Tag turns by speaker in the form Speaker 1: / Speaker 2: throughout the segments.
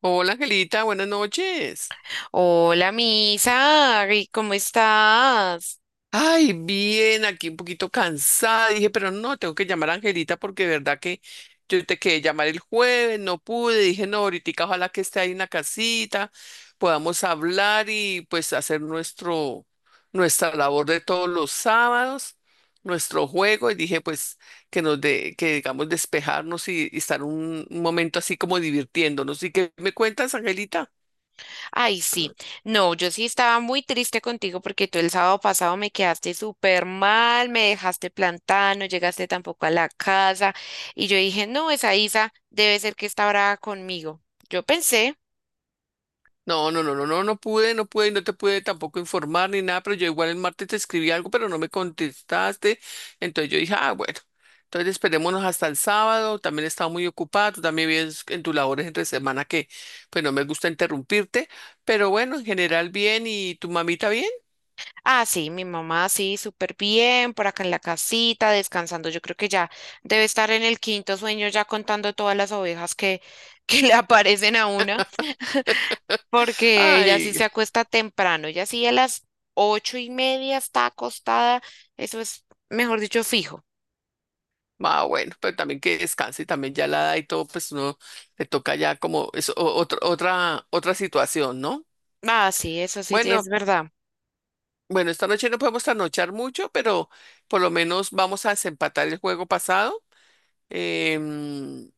Speaker 1: Hola Angelita, buenas noches.
Speaker 2: Hola, Misa, ay, ¿cómo estás?
Speaker 1: Ay, bien, aquí un poquito cansada. Dije, pero no, tengo que llamar a Angelita porque de verdad que yo te quedé llamar el jueves, no pude. Dije, no, ahorita ojalá que esté ahí en la casita, podamos hablar y pues hacer nuestra labor de todos los sábados, nuestro juego. Y dije, pues que nos de, que digamos despejarnos y estar un momento así como divirtiéndonos. ¿Y qué me cuentas, Angelita?
Speaker 2: Ay, sí, no, yo sí estaba muy triste contigo porque tú el sábado pasado me quedaste súper mal, me dejaste plantada, no llegaste tampoco a la casa y yo dije, no, esa Isa debe ser que está brava conmigo. Yo pensé.
Speaker 1: No, no, no, no, no, no pude, no pude, y no te pude tampoco informar ni nada, pero yo igual el martes te escribí algo, pero no me contestaste. Entonces yo dije, ah, bueno, entonces esperémonos hasta el sábado. También estaba muy ocupada, tú también vives en tus labores entre semana que, pues no me gusta interrumpirte, pero bueno, en general bien, ¿y tu mamita bien?
Speaker 2: Ah, sí, mi mamá sí, súper bien, por acá en la casita, descansando, yo creo que ya debe estar en el quinto sueño ya contando todas las ovejas que, que le aparecen a una. Porque ella sí
Speaker 1: Ay.
Speaker 2: se acuesta temprano, ella sí a las 8:30 está acostada, eso es, mejor dicho, fijo.
Speaker 1: Ah, bueno, pero también que descanse, también ya la edad y todo, pues uno le toca ya como es otra situación, ¿no?
Speaker 2: Ah, sí, eso sí, sí es
Speaker 1: Bueno,
Speaker 2: verdad.
Speaker 1: bueno, esta noche no podemos trasnochar mucho, pero por lo menos vamos a desempatar el juego pasado. Em,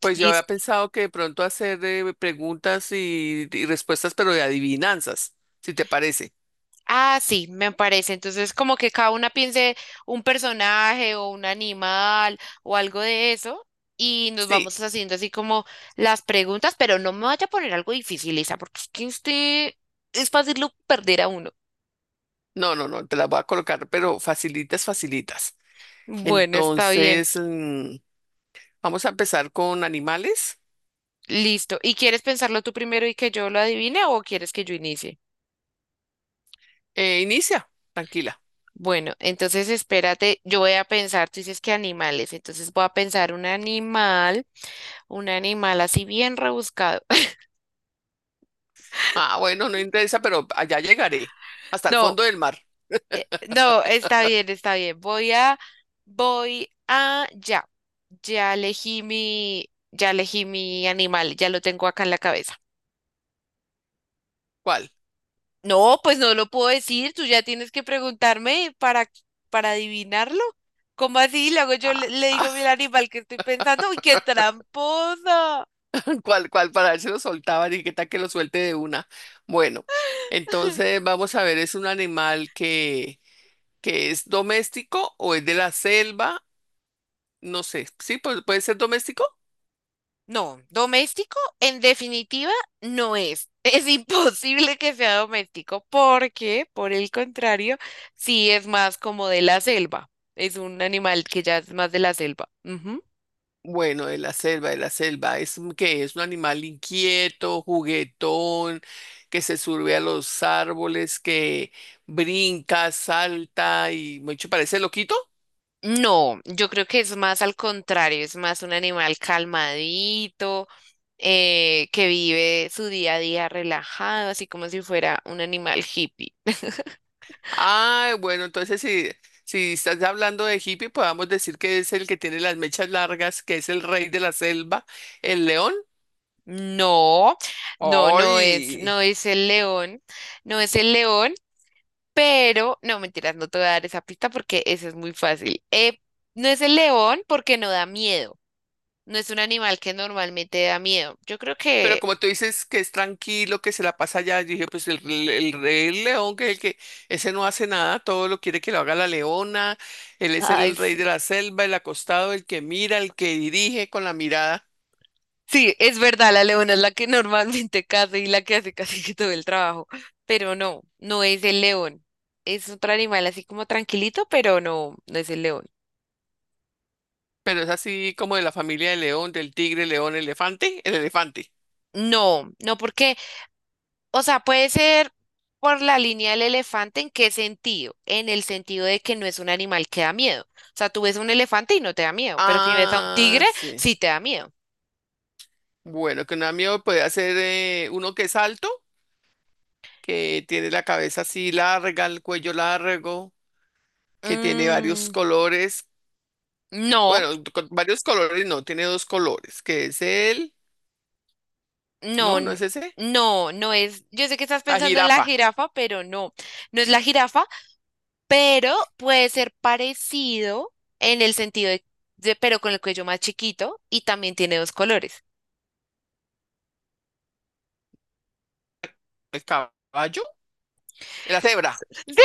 Speaker 1: pues yo
Speaker 2: Y-
Speaker 1: había pensado que de pronto hacer preguntas y respuestas, pero de adivinanzas, si te parece.
Speaker 2: ah, sí, me parece. Entonces, como que cada una piense un personaje o un animal o algo de eso. Y nos
Speaker 1: Sí,
Speaker 2: vamos haciendo así como las preguntas, pero no me vaya a poner algo difícil, Isa, porque es que usted es fácil lo perder a uno.
Speaker 1: no, no, no, te las voy a colocar, pero facilitas, facilitas.
Speaker 2: Bueno, está bien.
Speaker 1: Entonces, vamos a empezar con animales.
Speaker 2: Listo. ¿Y quieres pensarlo tú primero y que yo lo adivine o quieres que yo inicie?
Speaker 1: Inicia, tranquila.
Speaker 2: Bueno, entonces espérate, yo voy a pensar, tú dices que animales, entonces voy a pensar un animal así bien rebuscado.
Speaker 1: Ah, bueno, no interesa, pero allá llegaré, hasta el
Speaker 2: No,
Speaker 1: fondo del mar.
Speaker 2: no, está bien, está bien. Voy a, ya, ya elegí mi animal, ya lo tengo acá en la cabeza.
Speaker 1: ¿Cuál?
Speaker 2: No, pues no lo puedo decir, tú ya tienes que preguntarme para adivinarlo. ¿Cómo así? Luego yo le,
Speaker 1: Ah,
Speaker 2: le
Speaker 1: ah,
Speaker 2: digo, mira, animal que estoy pensando, uy, qué tramposa.
Speaker 1: ¿cuál, cuál? Para ver si lo soltaba, y qué tal que lo suelte de una. Bueno, entonces vamos a ver, ¿es un animal que es doméstico o es de la selva? No sé, ¿sí? ¿Puede ser doméstico?
Speaker 2: No, doméstico en definitiva no es. Es imposible que sea doméstico porque, por el contrario, sí es más como de la selva. Es un animal que ya es más de la selva. Ujú.
Speaker 1: Bueno, de la selva, es que es un animal inquieto, juguetón, que se sube a los árboles, que brinca, salta y mucho parece loquito.
Speaker 2: No, yo creo que es más al contrario, es más un animal calmadito, que vive su día a día relajado, así como si fuera un animal hippie.
Speaker 1: Ah, bueno, entonces si, si estás hablando de hippie, podemos decir que es el que tiene las mechas largas, que es el rey de la selva, el león.
Speaker 2: No, no, no es,
Speaker 1: ¡Ay!
Speaker 2: no es el león, no es el león, pero no, mentiras, no te voy a dar esa pista porque eso es muy fácil. No es el león porque no da miedo, no es un animal que normalmente da miedo. Yo creo
Speaker 1: Pero
Speaker 2: que.
Speaker 1: como tú dices que es tranquilo, que se la pasa allá, yo dije, pues el rey león, que es el que ese no hace nada, todo lo quiere que lo haga la leona, él es
Speaker 2: Ay,
Speaker 1: el rey
Speaker 2: sí.
Speaker 1: de la selva, el acostado, el que mira, el que dirige con la mirada,
Speaker 2: Sí, es verdad, la leona es la que normalmente caza y la que hace casi que todo el trabajo, pero no, no es el león. Es otro animal así como tranquilito, pero no, no es el león.
Speaker 1: pero es así como de la familia del león, del tigre, león, elefante, el elefante.
Speaker 2: No, no porque, o sea, puede ser por la línea del elefante, ¿en qué sentido? En el sentido de que no es un animal que da miedo. O sea, tú ves a un elefante y no te da miedo, pero si ves a un
Speaker 1: Ah,
Speaker 2: tigre,
Speaker 1: sí.
Speaker 2: sí te da miedo.
Speaker 1: Bueno, que un amigo puede hacer uno que es alto, que tiene la cabeza así larga, el cuello largo, que tiene varios
Speaker 2: Mm,
Speaker 1: colores.
Speaker 2: no.
Speaker 1: Bueno, con varios colores, no, tiene dos colores, que es el,
Speaker 2: No,
Speaker 1: no, no es ese,
Speaker 2: no es. Yo sé que estás
Speaker 1: la
Speaker 2: pensando en la
Speaker 1: jirafa,
Speaker 2: jirafa, pero no, no es la jirafa, pero puede ser parecido en el sentido de, pero con el cuello más chiquito y también tiene dos colores.
Speaker 1: el caballo, la cebra.
Speaker 2: Sí,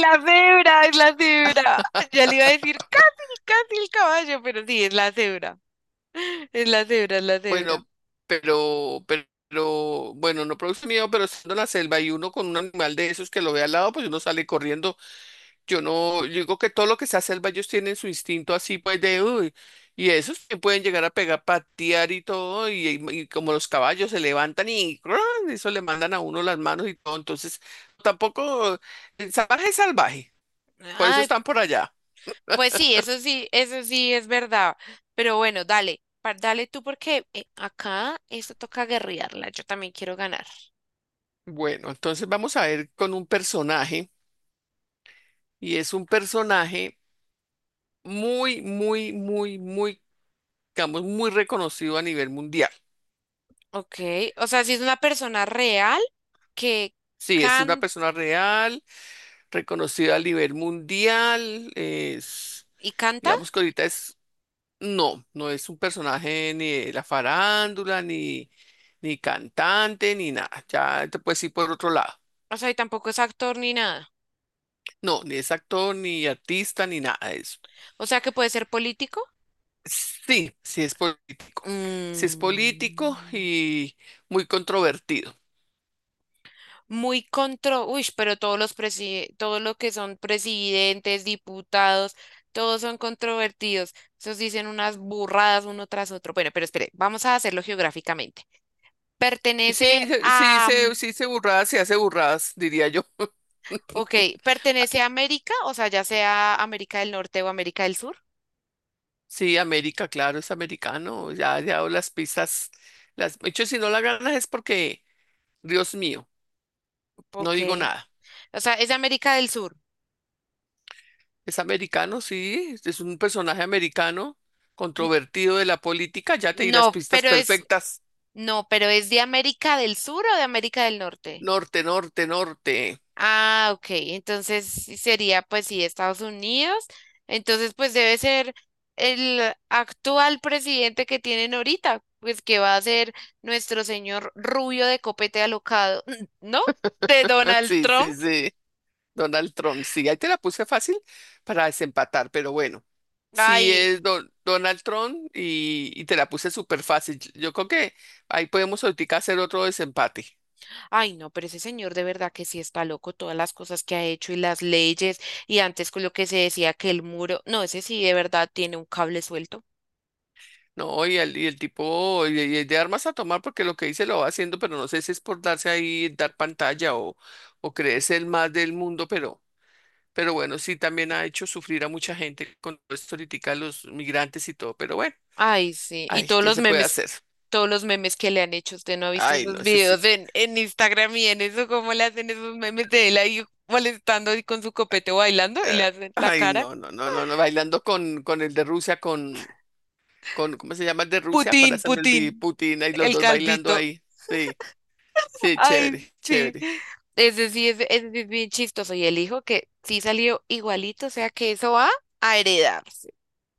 Speaker 2: la cebra, es la cebra. Ya le iba a decir casi, casi el caballo, pero sí, es la cebra. Es la cebra, es la cebra.
Speaker 1: Bueno, pero, pero, pero, bueno, no produce miedo, pero estando en la selva y uno con un animal de esos que lo ve al lado, pues uno sale corriendo. Yo no, yo digo que todo lo que sea selva, ellos tienen su instinto así, pues de, uy, y esos que pueden llegar a pegar, patear y todo, y como los caballos se levantan y ¡cruan! Eso le mandan a uno las manos y todo. Entonces, tampoco, el salvaje es salvaje, por eso
Speaker 2: Ay,
Speaker 1: están por allá.
Speaker 2: pues sí, eso sí, eso sí es verdad. Pero bueno, dale, dale tú porque acá esto toca guerrearla. Yo también quiero ganar.
Speaker 1: Bueno, entonces vamos a ver con un personaje, y es un personaje muy, digamos, muy reconocido a nivel mundial.
Speaker 2: Ok, o sea, si es una persona real que
Speaker 1: Sí, es una
Speaker 2: can
Speaker 1: persona real reconocido a nivel mundial. Es,
Speaker 2: y canta,
Speaker 1: digamos que ahorita es, no, no es un personaje ni de la farándula, ni, ni cantante, ni nada. Ya te puedes ir por otro lado.
Speaker 2: o sea, y tampoco es actor ni nada.
Speaker 1: No, ni es actor, ni artista, ni nada de eso.
Speaker 2: O sea, que puede ser político.
Speaker 1: Sí, sí es político. Sí es político
Speaker 2: Mm.
Speaker 1: y muy controvertido.
Speaker 2: Uy, pero todos los que son presidentes, diputados, todos son controvertidos. Esos dicen unas burradas uno tras otro. Bueno, pero espere, vamos a hacerlo geográficamente. ¿Pertenece
Speaker 1: Sí, se- sí,
Speaker 2: a,
Speaker 1: se, sí, se burradas, se hace burradas, diría yo.
Speaker 2: ok, pertenece a América, o sea, ya sea América del Norte o América del Sur?
Speaker 1: Sí, América, claro, es americano. Ya, ya o las pistas. Las... De hecho, si no la ganas es porque, Dios mío, no
Speaker 2: Ok.
Speaker 1: digo nada.
Speaker 2: O sea, es de América del Sur.
Speaker 1: Es americano, sí, es un personaje americano,
Speaker 2: N-
Speaker 1: controvertido de la política. Ya te di las
Speaker 2: No,
Speaker 1: pistas
Speaker 2: pero es,
Speaker 1: perfectas.
Speaker 2: no, pero es de América del Sur o de América del Norte.
Speaker 1: Norte, norte, norte.
Speaker 2: Ah, ok. Entonces sí sería, pues sí, Estados Unidos. Entonces, pues debe ser el actual presidente que tienen ahorita, pues que va a ser nuestro señor rubio de copete alocado, ¿no? De Donald
Speaker 1: Sí,
Speaker 2: Trump.
Speaker 1: sí, sí. Donald Trump, sí, ahí te la puse fácil para desempatar, pero bueno. Sí,
Speaker 2: Ay,
Speaker 1: es Donald Trump y te la puse súper fácil. Yo creo que ahí podemos ahorita hacer otro desempate.
Speaker 2: ay, no, pero ese señor de verdad que sí está loco, todas las cosas que ha hecho y las leyes, y antes con lo que se decía que el muro, no, ese sí de verdad tiene un cable suelto.
Speaker 1: No, y el tipo, y el de armas a tomar, porque lo que dice lo va haciendo, pero no sé si es por darse ahí, dar pantalla o creerse el más del mundo, pero bueno, sí también ha hecho sufrir a mucha gente con todo esto ahoritica, los migrantes y todo, pero bueno,
Speaker 2: Ay, sí. Y
Speaker 1: ay, ¿qué se puede hacer?
Speaker 2: todos los memes que le han hecho, usted no ha visto
Speaker 1: Ay,
Speaker 2: esos
Speaker 1: no sé si,
Speaker 2: videos en, Instagram y en eso, cómo le hacen esos memes de él ahí molestando y con su copete bailando y
Speaker 1: eh,
Speaker 2: le hacen la
Speaker 1: ay,
Speaker 2: cara.
Speaker 1: no, no, no, no, no, bailando con el de Rusia, con, ¿cómo se llama el de Rusia? Con la
Speaker 2: Putin, Putin,
Speaker 1: Putin, y los
Speaker 2: el
Speaker 1: dos bailando
Speaker 2: calvito.
Speaker 1: ahí, sí, sí,
Speaker 2: Ay,
Speaker 1: chévere,
Speaker 2: sí.
Speaker 1: chévere.
Speaker 2: Ese sí, sí es bien chistoso. Y el hijo que sí salió igualito, o sea que eso va a heredarse.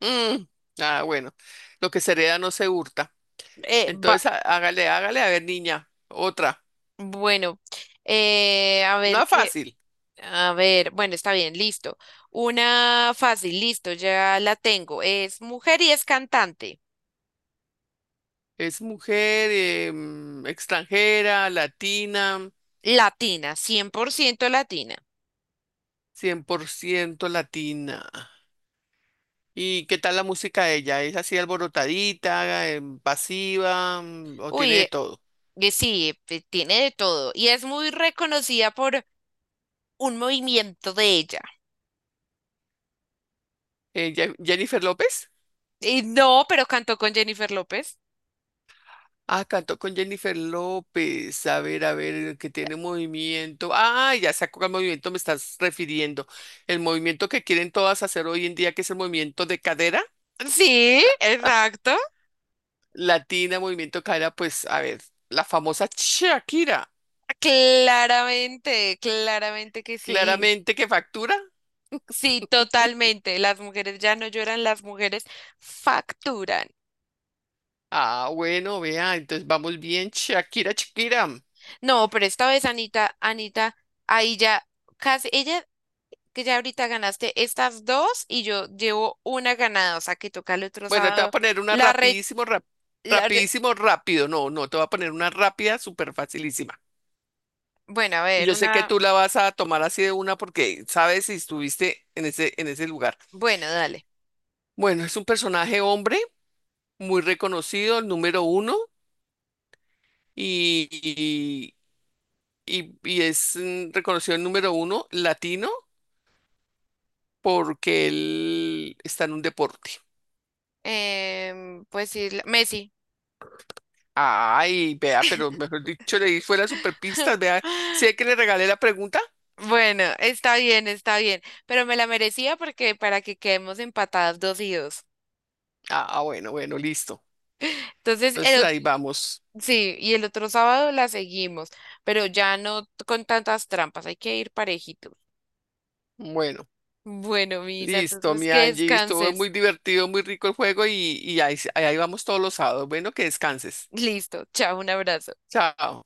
Speaker 1: Mm, ah, bueno, lo que se hereda no se hurta.
Speaker 2: Va.
Speaker 1: Entonces, hágale, hágale, a ver, niña, otra.
Speaker 2: Bueno, a ver
Speaker 1: No
Speaker 2: qué.
Speaker 1: fácil.
Speaker 2: A ver, bueno, está bien, listo. Una fácil, listo, ya la tengo. Es mujer y es cantante.
Speaker 1: Es mujer extranjera, latina,
Speaker 2: Latina, 100% latina.
Speaker 1: 100% latina. ¿Y qué tal la música de ella? ¿Es así alborotadita, pasiva, o tiene
Speaker 2: Uy,
Speaker 1: de todo?
Speaker 2: sí, tiene de todo. Y es muy reconocida por un movimiento de ella.
Speaker 1: Jennifer López.
Speaker 2: Y no, pero cantó con Jennifer López.
Speaker 1: Ah, cantó con Jennifer López. A ver, que tiene movimiento. Ah, ya sé a cuál movimiento me estás refiriendo. El movimiento que quieren todas hacer hoy en día, que es el movimiento de cadera.
Speaker 2: Sí, exacto.
Speaker 1: Latina, movimiento de cadera, pues, a ver, la famosa Shakira.
Speaker 2: Claramente, claramente que sí.
Speaker 1: Claramente que factura.
Speaker 2: Sí, totalmente. Las mujeres ya no lloran, las mujeres facturan.
Speaker 1: Ah, bueno, vea, entonces vamos bien, Shakira, Shakira.
Speaker 2: No, pero esta vez, Anita, Anita, ahí ya casi, ella, que ya ahorita ganaste estas dos y yo llevo una ganada, o sea que toca el otro
Speaker 1: Bueno, te voy a
Speaker 2: sábado.
Speaker 1: poner una
Speaker 2: La re, la re-
Speaker 1: rapidísimo, rápido. No, no, te voy a poner una rápida, súper facilísima.
Speaker 2: bueno, a
Speaker 1: Y
Speaker 2: ver,
Speaker 1: yo sé que
Speaker 2: una,
Speaker 1: tú la vas a tomar así de una porque sabes si estuviste en en ese lugar.
Speaker 2: bueno, dale.
Speaker 1: Bueno, es un personaje hombre muy reconocido, el número uno, y, y- y es reconocido el número uno latino porque él está en un deporte.
Speaker 2: Pues sí, Messi.
Speaker 1: Ay, vea, pero mejor dicho, le di fuera superpistas, vea, sé que le regalé la pregunta.
Speaker 2: Bueno, está bien, pero me la merecía porque para que quedemos empatadas 2-2.
Speaker 1: Ah, bueno, bueno, listo.
Speaker 2: Entonces,
Speaker 1: Entonces ahí vamos.
Speaker 2: sí, y el otro sábado la seguimos, pero ya no con tantas trampas, hay que ir parejitos.
Speaker 1: Bueno.
Speaker 2: Bueno, Misa,
Speaker 1: Listo,
Speaker 2: entonces
Speaker 1: mi
Speaker 2: que
Speaker 1: Angie, estuvo
Speaker 2: descanses.
Speaker 1: muy divertido, muy rico el juego y ahí, ahí vamos todos los sábados. Bueno, que descanses.
Speaker 2: Listo, chao, un abrazo.
Speaker 1: Chao.